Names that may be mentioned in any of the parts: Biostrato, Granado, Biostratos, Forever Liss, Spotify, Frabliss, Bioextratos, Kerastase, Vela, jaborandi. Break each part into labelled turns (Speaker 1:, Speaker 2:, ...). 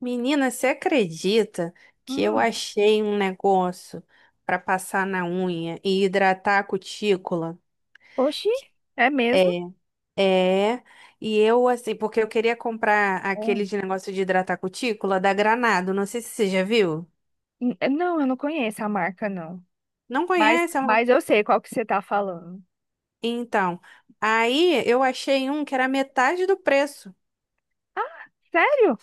Speaker 1: Menina, você acredita que eu
Speaker 2: Hum.
Speaker 1: achei um negócio para passar na unha e hidratar a cutícula?
Speaker 2: Oxi, é mesmo?
Speaker 1: É, é. E eu, assim, porque eu queria comprar aquele
Speaker 2: Hum.
Speaker 1: de negócio de hidratar a cutícula da Granado. Não sei se você já viu.
Speaker 2: Não, eu não conheço a marca, não.
Speaker 1: Não
Speaker 2: Mas,
Speaker 1: conhece? É uma-
Speaker 2: mas eu sei qual que você tá falando.
Speaker 1: Então, aí eu achei um que era metade do preço.
Speaker 2: Ah, sério?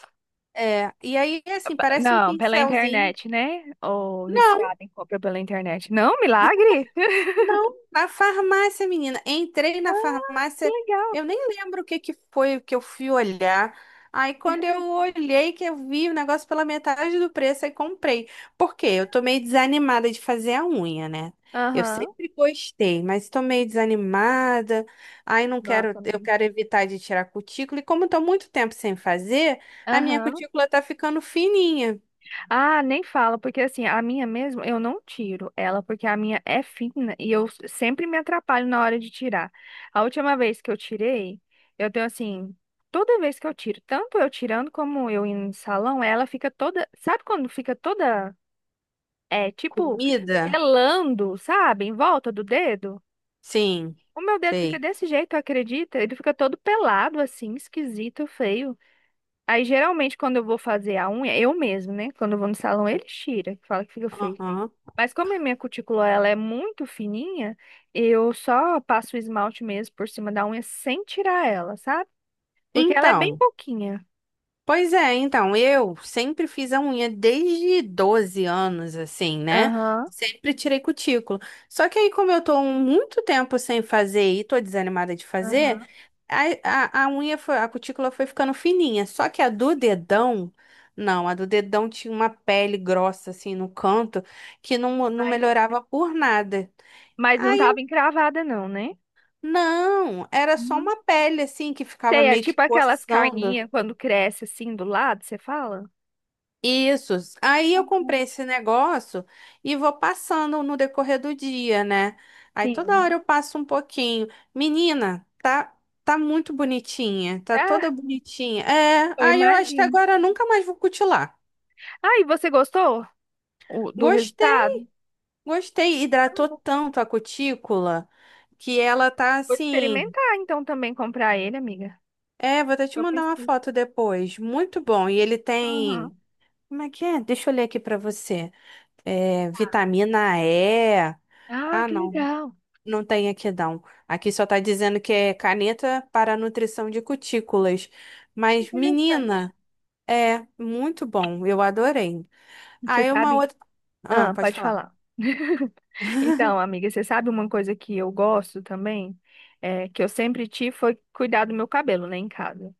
Speaker 1: É, e aí, assim,
Speaker 2: P-
Speaker 1: parece um
Speaker 2: Não, pela
Speaker 1: pincelzinho.
Speaker 2: internet, né? Ou viciada em compra pela internet. Não, milagre?
Speaker 1: Não, na farmácia, menina. Entrei
Speaker 2: Ah,
Speaker 1: na
Speaker 2: que
Speaker 1: farmácia,
Speaker 2: legal.
Speaker 1: eu nem lembro o que que foi que eu fui olhar. Aí quando eu olhei que eu vi o negócio pela metade do preço, aí comprei. Por quê? Eu tô meio desanimada de fazer a unha, né? Eu
Speaker 2: Aham.
Speaker 1: sempre gostei, mas tô meio desanimada. Aí não quero,
Speaker 2: Nossa,
Speaker 1: eu
Speaker 2: amiga.
Speaker 1: quero evitar de tirar cutícula. E como tô muito tempo sem fazer, a minha
Speaker 2: Aham.
Speaker 1: cutícula tá ficando fininha.
Speaker 2: Ah, nem fala, porque assim, a minha mesmo, eu não tiro ela, porque a minha é fina e sempre me atrapalho na hora de tirar. A última vez que eu tirei, eu tenho assim, toda vez que eu tiro, tanto eu tirando como eu indo no salão, ela fica toda, sabe quando fica toda, é, tipo,
Speaker 1: Comida?
Speaker 2: pelando, sabe, em volta do dedo?
Speaker 1: Sim,
Speaker 2: O meu dedo fica
Speaker 1: sei.
Speaker 2: desse jeito, acredita? Ele fica todo pelado, assim, esquisito, feio. Aí, geralmente, quando eu vou fazer a unha, eu mesmo, né? Quando eu vou no salão, eles tiram, que fala que fica feio, né.
Speaker 1: Aham.
Speaker 2: Mas como a minha cutícula, ela é muito fininha, eu só passo o esmalte mesmo por cima da unha sem tirar ela, sabe? Porque ela é bem
Speaker 1: Então.
Speaker 2: pouquinha.
Speaker 1: Pois é, então, eu sempre fiz a unha desde 12 anos, assim, né?
Speaker 2: Aham,
Speaker 1: Sempre tirei cutícula. Só que aí, como eu tô muito tempo sem fazer e tô desanimada de fazer,
Speaker 2: aham.
Speaker 1: a unha foi, a cutícula foi ficando fininha. Só que a do dedão, não, a do dedão tinha uma pele grossa, assim, no canto, que não, não
Speaker 2: Mas,
Speaker 1: melhorava por nada.
Speaker 2: mas não
Speaker 1: Aí,
Speaker 2: tava encravada não, né?
Speaker 1: não, era só
Speaker 2: Uhum.
Speaker 1: uma pele, assim, que ficava
Speaker 2: Sei, é
Speaker 1: meio que
Speaker 2: tipo aquelas
Speaker 1: coçando.
Speaker 2: carninhas quando cresce assim do lado, você fala?
Speaker 1: Isso. Aí eu comprei esse negócio e vou passando no decorrer do dia, né? Aí toda
Speaker 2: Sim.
Speaker 1: hora eu passo um pouquinho. Menina, tá muito bonitinha, tá toda
Speaker 2: Ah,
Speaker 1: bonitinha. É,
Speaker 2: eu
Speaker 1: aí eu acho que
Speaker 2: imagino.
Speaker 1: agora eu nunca mais vou cutilar.
Speaker 2: Ah, e você gostou do
Speaker 1: Gostei,
Speaker 2: resultado?
Speaker 1: gostei. Hidratou tanto a cutícula que ela tá
Speaker 2: Vou
Speaker 1: assim.
Speaker 2: experimentar então também comprar ele, amiga.
Speaker 1: É, vou até te
Speaker 2: Eu
Speaker 1: mandar uma
Speaker 2: preciso.
Speaker 1: foto depois. Muito bom. E ele tem.
Speaker 2: Aham.
Speaker 1: Como é que é? Deixa eu ler aqui pra você. É, vitamina E.
Speaker 2: Ah,
Speaker 1: Ah,
Speaker 2: que
Speaker 1: não.
Speaker 2: legal.
Speaker 1: Não tem aqui não. Aqui só tá dizendo que é caneta para nutrição de cutículas. Mas,
Speaker 2: Interessante.
Speaker 1: menina, é muito bom. Eu adorei.
Speaker 2: Você
Speaker 1: Aí uma
Speaker 2: sabe?
Speaker 1: outra. Ah,
Speaker 2: Ah,
Speaker 1: pode
Speaker 2: pode
Speaker 1: falar.
Speaker 2: falar. Então, amiga, você sabe uma coisa que eu gosto também? É, que eu sempre tive foi cuidar do meu cabelo, né, em casa.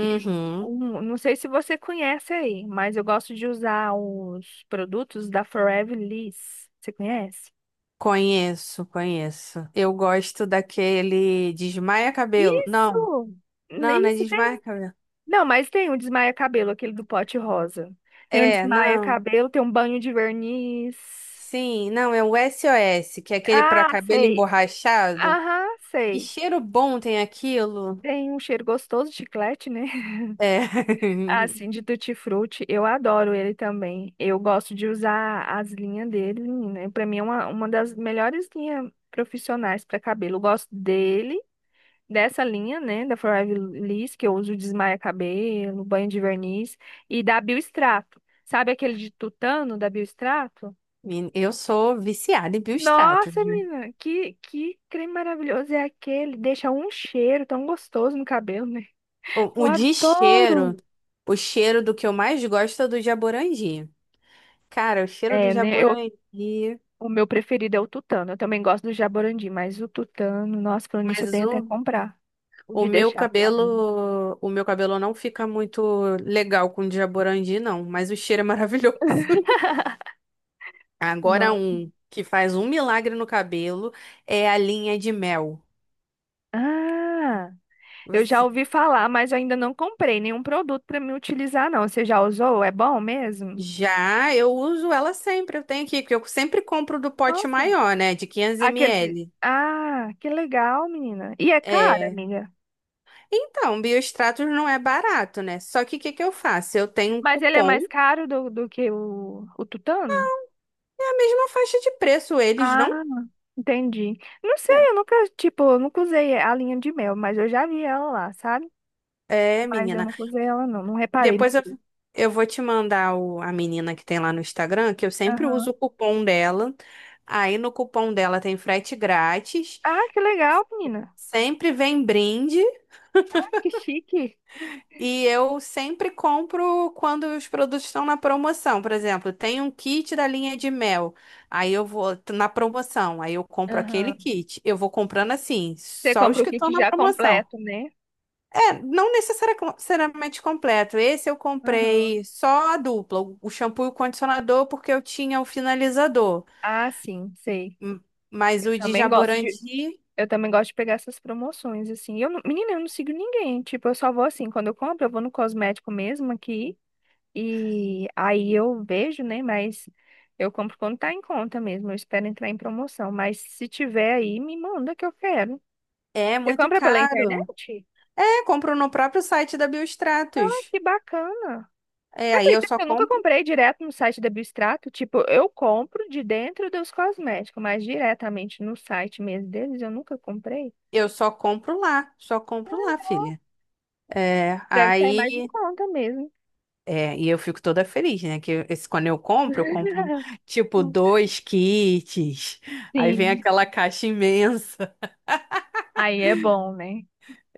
Speaker 2: E não sei se você conhece aí, mas eu gosto de usar os produtos da Forever Liss. Você conhece?
Speaker 1: Conheço, conheço. Eu gosto daquele desmaia cabelo. Não,
Speaker 2: Isso!
Speaker 1: não, não é
Speaker 2: Isso.
Speaker 1: desmaia cabelo.
Speaker 2: Não, mas tem um desmaia cabelo, aquele do pote rosa. Tem um
Speaker 1: É,
Speaker 2: desmaia
Speaker 1: não.
Speaker 2: cabelo, tem um banho de verniz.
Speaker 1: Sim, não, é o SOS, que é aquele para
Speaker 2: Ah,
Speaker 1: cabelo
Speaker 2: sei.
Speaker 1: emborrachado.
Speaker 2: Aham,
Speaker 1: Que
Speaker 2: sei.
Speaker 1: cheiro bom tem aquilo.
Speaker 2: Tem um cheiro gostoso de chiclete, né?
Speaker 1: É.
Speaker 2: Assim, de tutti-frutti. Eu adoro ele também. Eu gosto de usar as linhas dele, né? Pra mim é uma das melhores linhas profissionais para cabelo. Eu gosto dele, dessa linha, né, da Forever Liss, que eu uso desmaia cabelo, banho de verniz, e da Biostrato. Sabe aquele de tutano da Biostrato?
Speaker 1: Men- Eu sou viciada em bioextratos,
Speaker 2: Nossa,
Speaker 1: né?
Speaker 2: menina, que creme maravilhoso é aquele? Deixa um cheiro tão gostoso no cabelo, né? Eu
Speaker 1: O de cheiro,
Speaker 2: adoro!
Speaker 1: o cheiro do que eu mais gosto é do jaborandi. Cara, o cheiro do
Speaker 2: É, né, eu,
Speaker 1: jaborandi.
Speaker 2: o meu preferido é o tutano. Eu também gosto do jaborandi, mas o tutano, nossa, falando nisso, eu
Speaker 1: Mas
Speaker 2: tenho até que comprar. O de deixar pro cabelo.
Speaker 1: o meu cabelo não fica muito legal com o de jaborandi, não. Mas o cheiro é maravilhoso. Agora
Speaker 2: Nossa.
Speaker 1: um que faz um milagre no cabelo é a linha de mel.
Speaker 2: Ah! Eu já
Speaker 1: Você-
Speaker 2: ouvi falar, mas eu ainda não comprei nenhum produto para me utilizar, não. Você já usou? É bom mesmo?
Speaker 1: Já eu uso ela sempre, eu tenho aqui, porque eu sempre compro do pote
Speaker 2: Nossa,
Speaker 1: maior, né, de 500
Speaker 2: aquele.
Speaker 1: ml.
Speaker 2: Ah, que legal, menina. E é caro, amiga.
Speaker 1: Então, Biostratos não é barato, né? Só que o que que eu faço? Eu tenho um
Speaker 2: Mas ele é mais
Speaker 1: cupom,
Speaker 2: caro do que o tutano?
Speaker 1: é a mesma faixa de preço, eles
Speaker 2: Ah,
Speaker 1: não.
Speaker 2: entendi. Não sei,
Speaker 1: É,
Speaker 2: eu nunca, tipo, eu nunca usei a linha de mel, mas eu já vi ela lá, sabe?
Speaker 1: É,
Speaker 2: Mas eu
Speaker 1: menina.
Speaker 2: nunca usei ela, não. Não reparei no
Speaker 1: Depois
Speaker 2: preço.
Speaker 1: eu vou te mandar o, a menina que tem lá no Instagram, que eu sempre
Speaker 2: Aham.
Speaker 1: uso o cupom dela. Aí no cupom dela tem frete grátis,
Speaker 2: Ah, que legal, menina.
Speaker 1: sempre vem brinde.
Speaker 2: Ah, que chique.
Speaker 1: E eu sempre compro quando os produtos estão na promoção. Por exemplo, tem um kit da linha de mel. Aí eu vou t- na promoção. Aí eu compro aquele
Speaker 2: Aham.
Speaker 1: kit. Eu vou comprando assim,
Speaker 2: Você
Speaker 1: só
Speaker 2: compra
Speaker 1: os
Speaker 2: o
Speaker 1: que
Speaker 2: kit
Speaker 1: estão na
Speaker 2: já
Speaker 1: promoção.
Speaker 2: completo, né?
Speaker 1: É, não necessariamente completo. Esse eu
Speaker 2: Aham.
Speaker 1: comprei só a dupla, o shampoo e o condicionador, porque eu tinha o finalizador.
Speaker 2: Ah, sim, sei.
Speaker 1: Hum, Mas
Speaker 2: Eu
Speaker 1: o de
Speaker 2: também gosto de,
Speaker 1: Jaborandi
Speaker 2: eu também gosto de pegar essas promoções, assim. Eu, menina, eu não sigo ninguém. Tipo, eu só vou assim, quando eu compro, eu vou no cosmético mesmo aqui. E aí eu vejo, né? Mas eu compro quando tá em conta mesmo. Eu espero entrar em promoção. Mas se tiver aí, me manda que eu quero.
Speaker 1: é
Speaker 2: Você
Speaker 1: muito
Speaker 2: compra pela
Speaker 1: caro.
Speaker 2: internet?
Speaker 1: É, compro no próprio site da
Speaker 2: Ah,
Speaker 1: Biostratos.
Speaker 2: que bacana.
Speaker 1: É,
Speaker 2: Você
Speaker 1: aí eu
Speaker 2: acredita
Speaker 1: só
Speaker 2: que eu nunca
Speaker 1: compro.
Speaker 2: comprei direto no site da Biostrato. Tipo, eu compro de dentro dos cosméticos, mas diretamente no site mesmo deles, eu nunca comprei.
Speaker 1: Eu só compro lá, filha. É,
Speaker 2: Deve sair mais em
Speaker 1: aí,
Speaker 2: conta mesmo.
Speaker 1: é, e eu fico toda feliz, né? Que esse, quando eu compro tipo dois kits. Aí vem
Speaker 2: Sim.
Speaker 1: aquela caixa imensa.
Speaker 2: Aí é bom, né?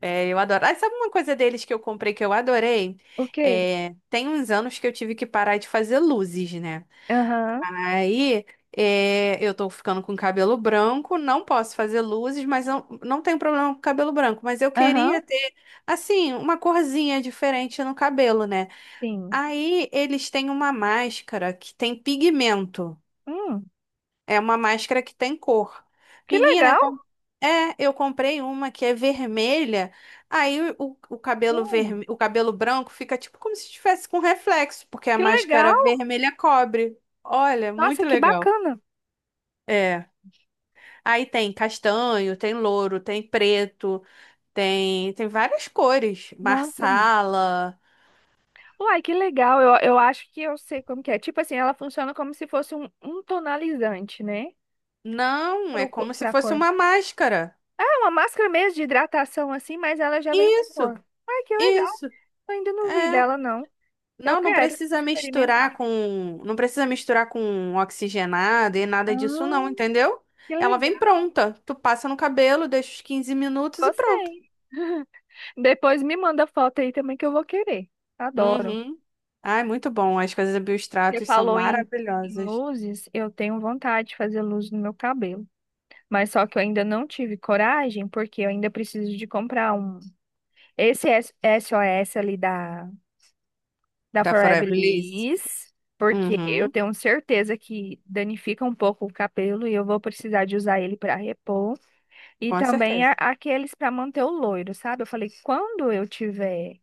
Speaker 1: É, eu adoro. Ah, sabe uma coisa deles que eu comprei que eu adorei?
Speaker 2: O quê?
Speaker 1: É, tem uns anos que eu tive que parar de fazer luzes, né?
Speaker 2: Aham.
Speaker 1: Aí, é, eu tô ficando com cabelo branco, não posso fazer luzes, mas não, não tenho problema com cabelo branco. Mas eu
Speaker 2: Aham.
Speaker 1: queria ter, assim, uma corzinha diferente no cabelo, né?
Speaker 2: Sim.
Speaker 1: Aí, eles têm uma máscara que tem pigmento.
Speaker 2: Hum,
Speaker 1: É uma máscara que tem cor.
Speaker 2: que
Speaker 1: Menina, eu,
Speaker 2: legal.
Speaker 1: com- é, eu comprei uma que é vermelha. Aí, o cabelo
Speaker 2: Hum,
Speaker 1: verme... o cabelo branco fica tipo como se estivesse com reflexo, porque a
Speaker 2: que legal.
Speaker 1: máscara vermelha cobre. Olha,
Speaker 2: Nossa,
Speaker 1: muito
Speaker 2: que
Speaker 1: legal.
Speaker 2: bacana.
Speaker 1: É. Aí tem castanho, tem louro, tem preto, tem, tem várias cores.
Speaker 2: Nossa, amiga.
Speaker 1: Marsala.
Speaker 2: Uai, que legal. Eu acho que eu sei como que é. Tipo assim, ela funciona como se fosse um tonalizante, né?
Speaker 1: Não, é
Speaker 2: Pro,
Speaker 1: como se
Speaker 2: pra
Speaker 1: fosse
Speaker 2: cor.
Speaker 1: uma máscara.
Speaker 2: É uma máscara mesmo de hidratação assim, mas ela já vem com
Speaker 1: Isso,
Speaker 2: cor. Ai, que legal.
Speaker 1: isso.
Speaker 2: Eu ainda não vi
Speaker 1: É.
Speaker 2: dela, não. Eu
Speaker 1: Não, não
Speaker 2: quero
Speaker 1: precisa
Speaker 2: experimentar.
Speaker 1: misturar com, não precisa misturar com oxigenado e nada disso
Speaker 2: Ah,
Speaker 1: não, entendeu?
Speaker 2: que
Speaker 1: Ela vem
Speaker 2: legal.
Speaker 1: pronta. Tu passa no cabelo, deixa os 15 minutos e pronto.
Speaker 2: Gostei. Depois me manda foto aí também que eu vou querer. Adoro.
Speaker 1: Uhum. Ai, muito bom. As coisas da
Speaker 2: Você
Speaker 1: Biostratos são
Speaker 2: falou em, em
Speaker 1: maravilhosas.
Speaker 2: luzes, eu tenho vontade de fazer luz no meu cabelo. Mas só que eu ainda não tive coragem, porque eu ainda preciso de comprar um. Esse SOS ali da, da
Speaker 1: Da
Speaker 2: Forever
Speaker 1: Forever Liss.
Speaker 2: Liss, porque eu
Speaker 1: Uhum,
Speaker 2: tenho certeza que danifica um pouco o cabelo e eu vou precisar de usar ele para repor. E
Speaker 1: com
Speaker 2: também
Speaker 1: certeza.
Speaker 2: aqueles para manter o loiro, sabe? Eu falei, quando eu tiver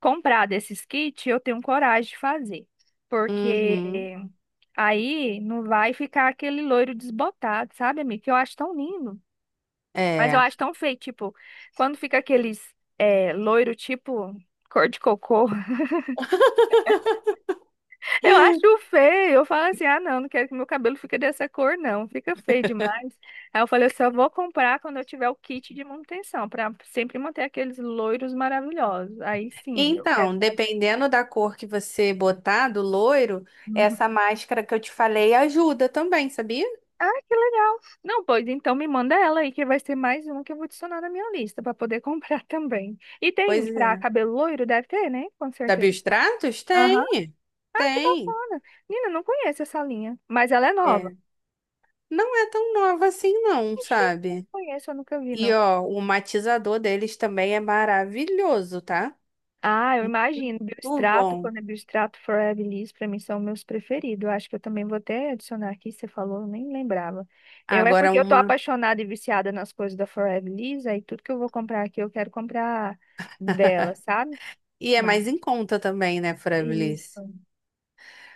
Speaker 2: comprar desses kits, eu tenho coragem de fazer. Porque
Speaker 1: Uhum.
Speaker 2: aí não vai ficar aquele loiro desbotado, sabe, amiga? Que eu acho tão lindo. Mas eu
Speaker 1: É.
Speaker 2: acho tão feio, tipo, quando fica aqueles loiro, tipo, cor de cocô. Eu acho feio. Eu falo assim, ah, não, não quero que meu cabelo fique dessa cor, não. Fica feio demais. Aí eu falei, eu só vou comprar quando eu tiver o kit de manutenção, pra sempre manter aqueles loiros maravilhosos. Aí sim, eu quero.
Speaker 1: Então, dependendo da cor que você botar, do loiro, essa máscara que eu te falei ajuda também, sabia?
Speaker 2: Ah, que legal. Não, pois então me manda ela aí, que vai ser mais uma que eu vou adicionar na minha lista para poder comprar também. E
Speaker 1: Pois
Speaker 2: tem pra
Speaker 1: é.
Speaker 2: cabelo loiro, deve ter, né? Com
Speaker 1: Da
Speaker 2: certeza.
Speaker 1: Biostratos?
Speaker 2: Aham.
Speaker 1: Tem,
Speaker 2: Ah, que
Speaker 1: tem.
Speaker 2: bacana. Nina, não conheço essa linha, mas ela é nova.
Speaker 1: É. Não é tão nova assim, não,
Speaker 2: Oxi, não
Speaker 1: sabe?
Speaker 2: conheço, eu nunca vi,
Speaker 1: E
Speaker 2: não.
Speaker 1: ó, o matizador deles também é maravilhoso, tá?
Speaker 2: Ah, eu imagino.
Speaker 1: O
Speaker 2: Biostrato,
Speaker 1: bom.
Speaker 2: quando é Biostrato, Forever Liss, para mim são meus preferidos. Eu acho que eu também vou até adicionar aqui, você falou, eu nem lembrava. Eu é
Speaker 1: Agora
Speaker 2: porque eu tô
Speaker 1: uma.
Speaker 2: apaixonada e viciada nas coisas da Forever Liss, aí tudo que eu vou comprar aqui, eu quero comprar dela, sabe?
Speaker 1: E é mais em
Speaker 2: Mas...
Speaker 1: conta também, né, Frabliss?
Speaker 2: Isso.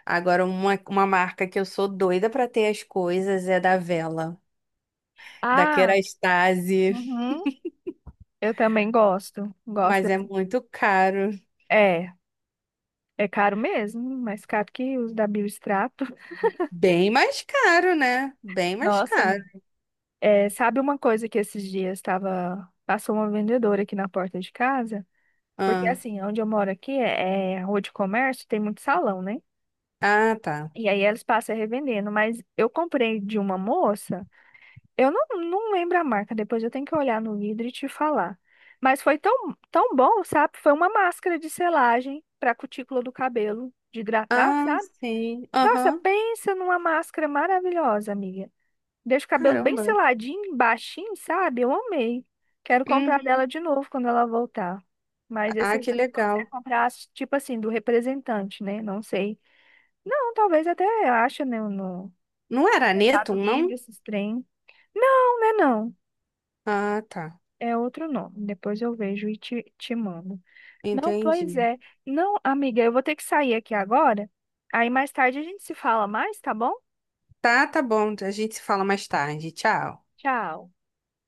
Speaker 1: Agora uma marca que eu sou doida pra ter as coisas é da Vela. Da
Speaker 2: Ah,
Speaker 1: Kerastase,
Speaker 2: uhum. Eu também gosto. Gosto
Speaker 1: mas é
Speaker 2: dessa.
Speaker 1: muito caro.
Speaker 2: É, é caro mesmo, mais caro que os da Biostrato.
Speaker 1: Bem mais caro, né? Bem mais
Speaker 2: Nossa,
Speaker 1: caro.
Speaker 2: é, sabe uma coisa que esses dias estava. Passou uma vendedora aqui na porta de casa? Porque
Speaker 1: Ah,
Speaker 2: assim, onde eu moro aqui é, é rua de comércio, tem muito salão, né?
Speaker 1: ah, tá.
Speaker 2: E aí eles passam revendendo, mas eu comprei de uma moça, eu não, não lembro a marca, depois eu tenho que olhar no vidro e te falar. Mas foi tão bom, sabe? Foi uma máscara de selagem para cutícula do cabelo, de hidratar,
Speaker 1: Ah,
Speaker 2: sabe?
Speaker 1: sim.
Speaker 2: Nossa,
Speaker 1: Aham.
Speaker 2: pensa numa máscara maravilhosa, amiga. Deixa o cabelo bem
Speaker 1: Caramba.
Speaker 2: seladinho, baixinho, sabe? Eu amei. Quero
Speaker 1: Uhum.
Speaker 2: comprar dela de novo quando ela voltar. Mas esse
Speaker 1: Ah,
Speaker 2: a
Speaker 1: que
Speaker 2: gente consegue
Speaker 1: legal.
Speaker 2: comprar, tipo assim, do representante, né? Não sei. Não, talvez até acha, né, no
Speaker 1: Não era
Speaker 2: Mercado
Speaker 1: Netum,
Speaker 2: Livre,
Speaker 1: não?
Speaker 2: esses trem. Não, né, não.
Speaker 1: Ah, tá.
Speaker 2: É outro nome. Depois eu vejo e te mando. Não, pois
Speaker 1: Entendi.
Speaker 2: é. Não, amiga, eu vou ter que sair aqui agora. Aí mais tarde a gente se fala mais, tá bom?
Speaker 1: Tá, tá bom. A gente se fala mais tarde. Tchau.
Speaker 2: Tchau.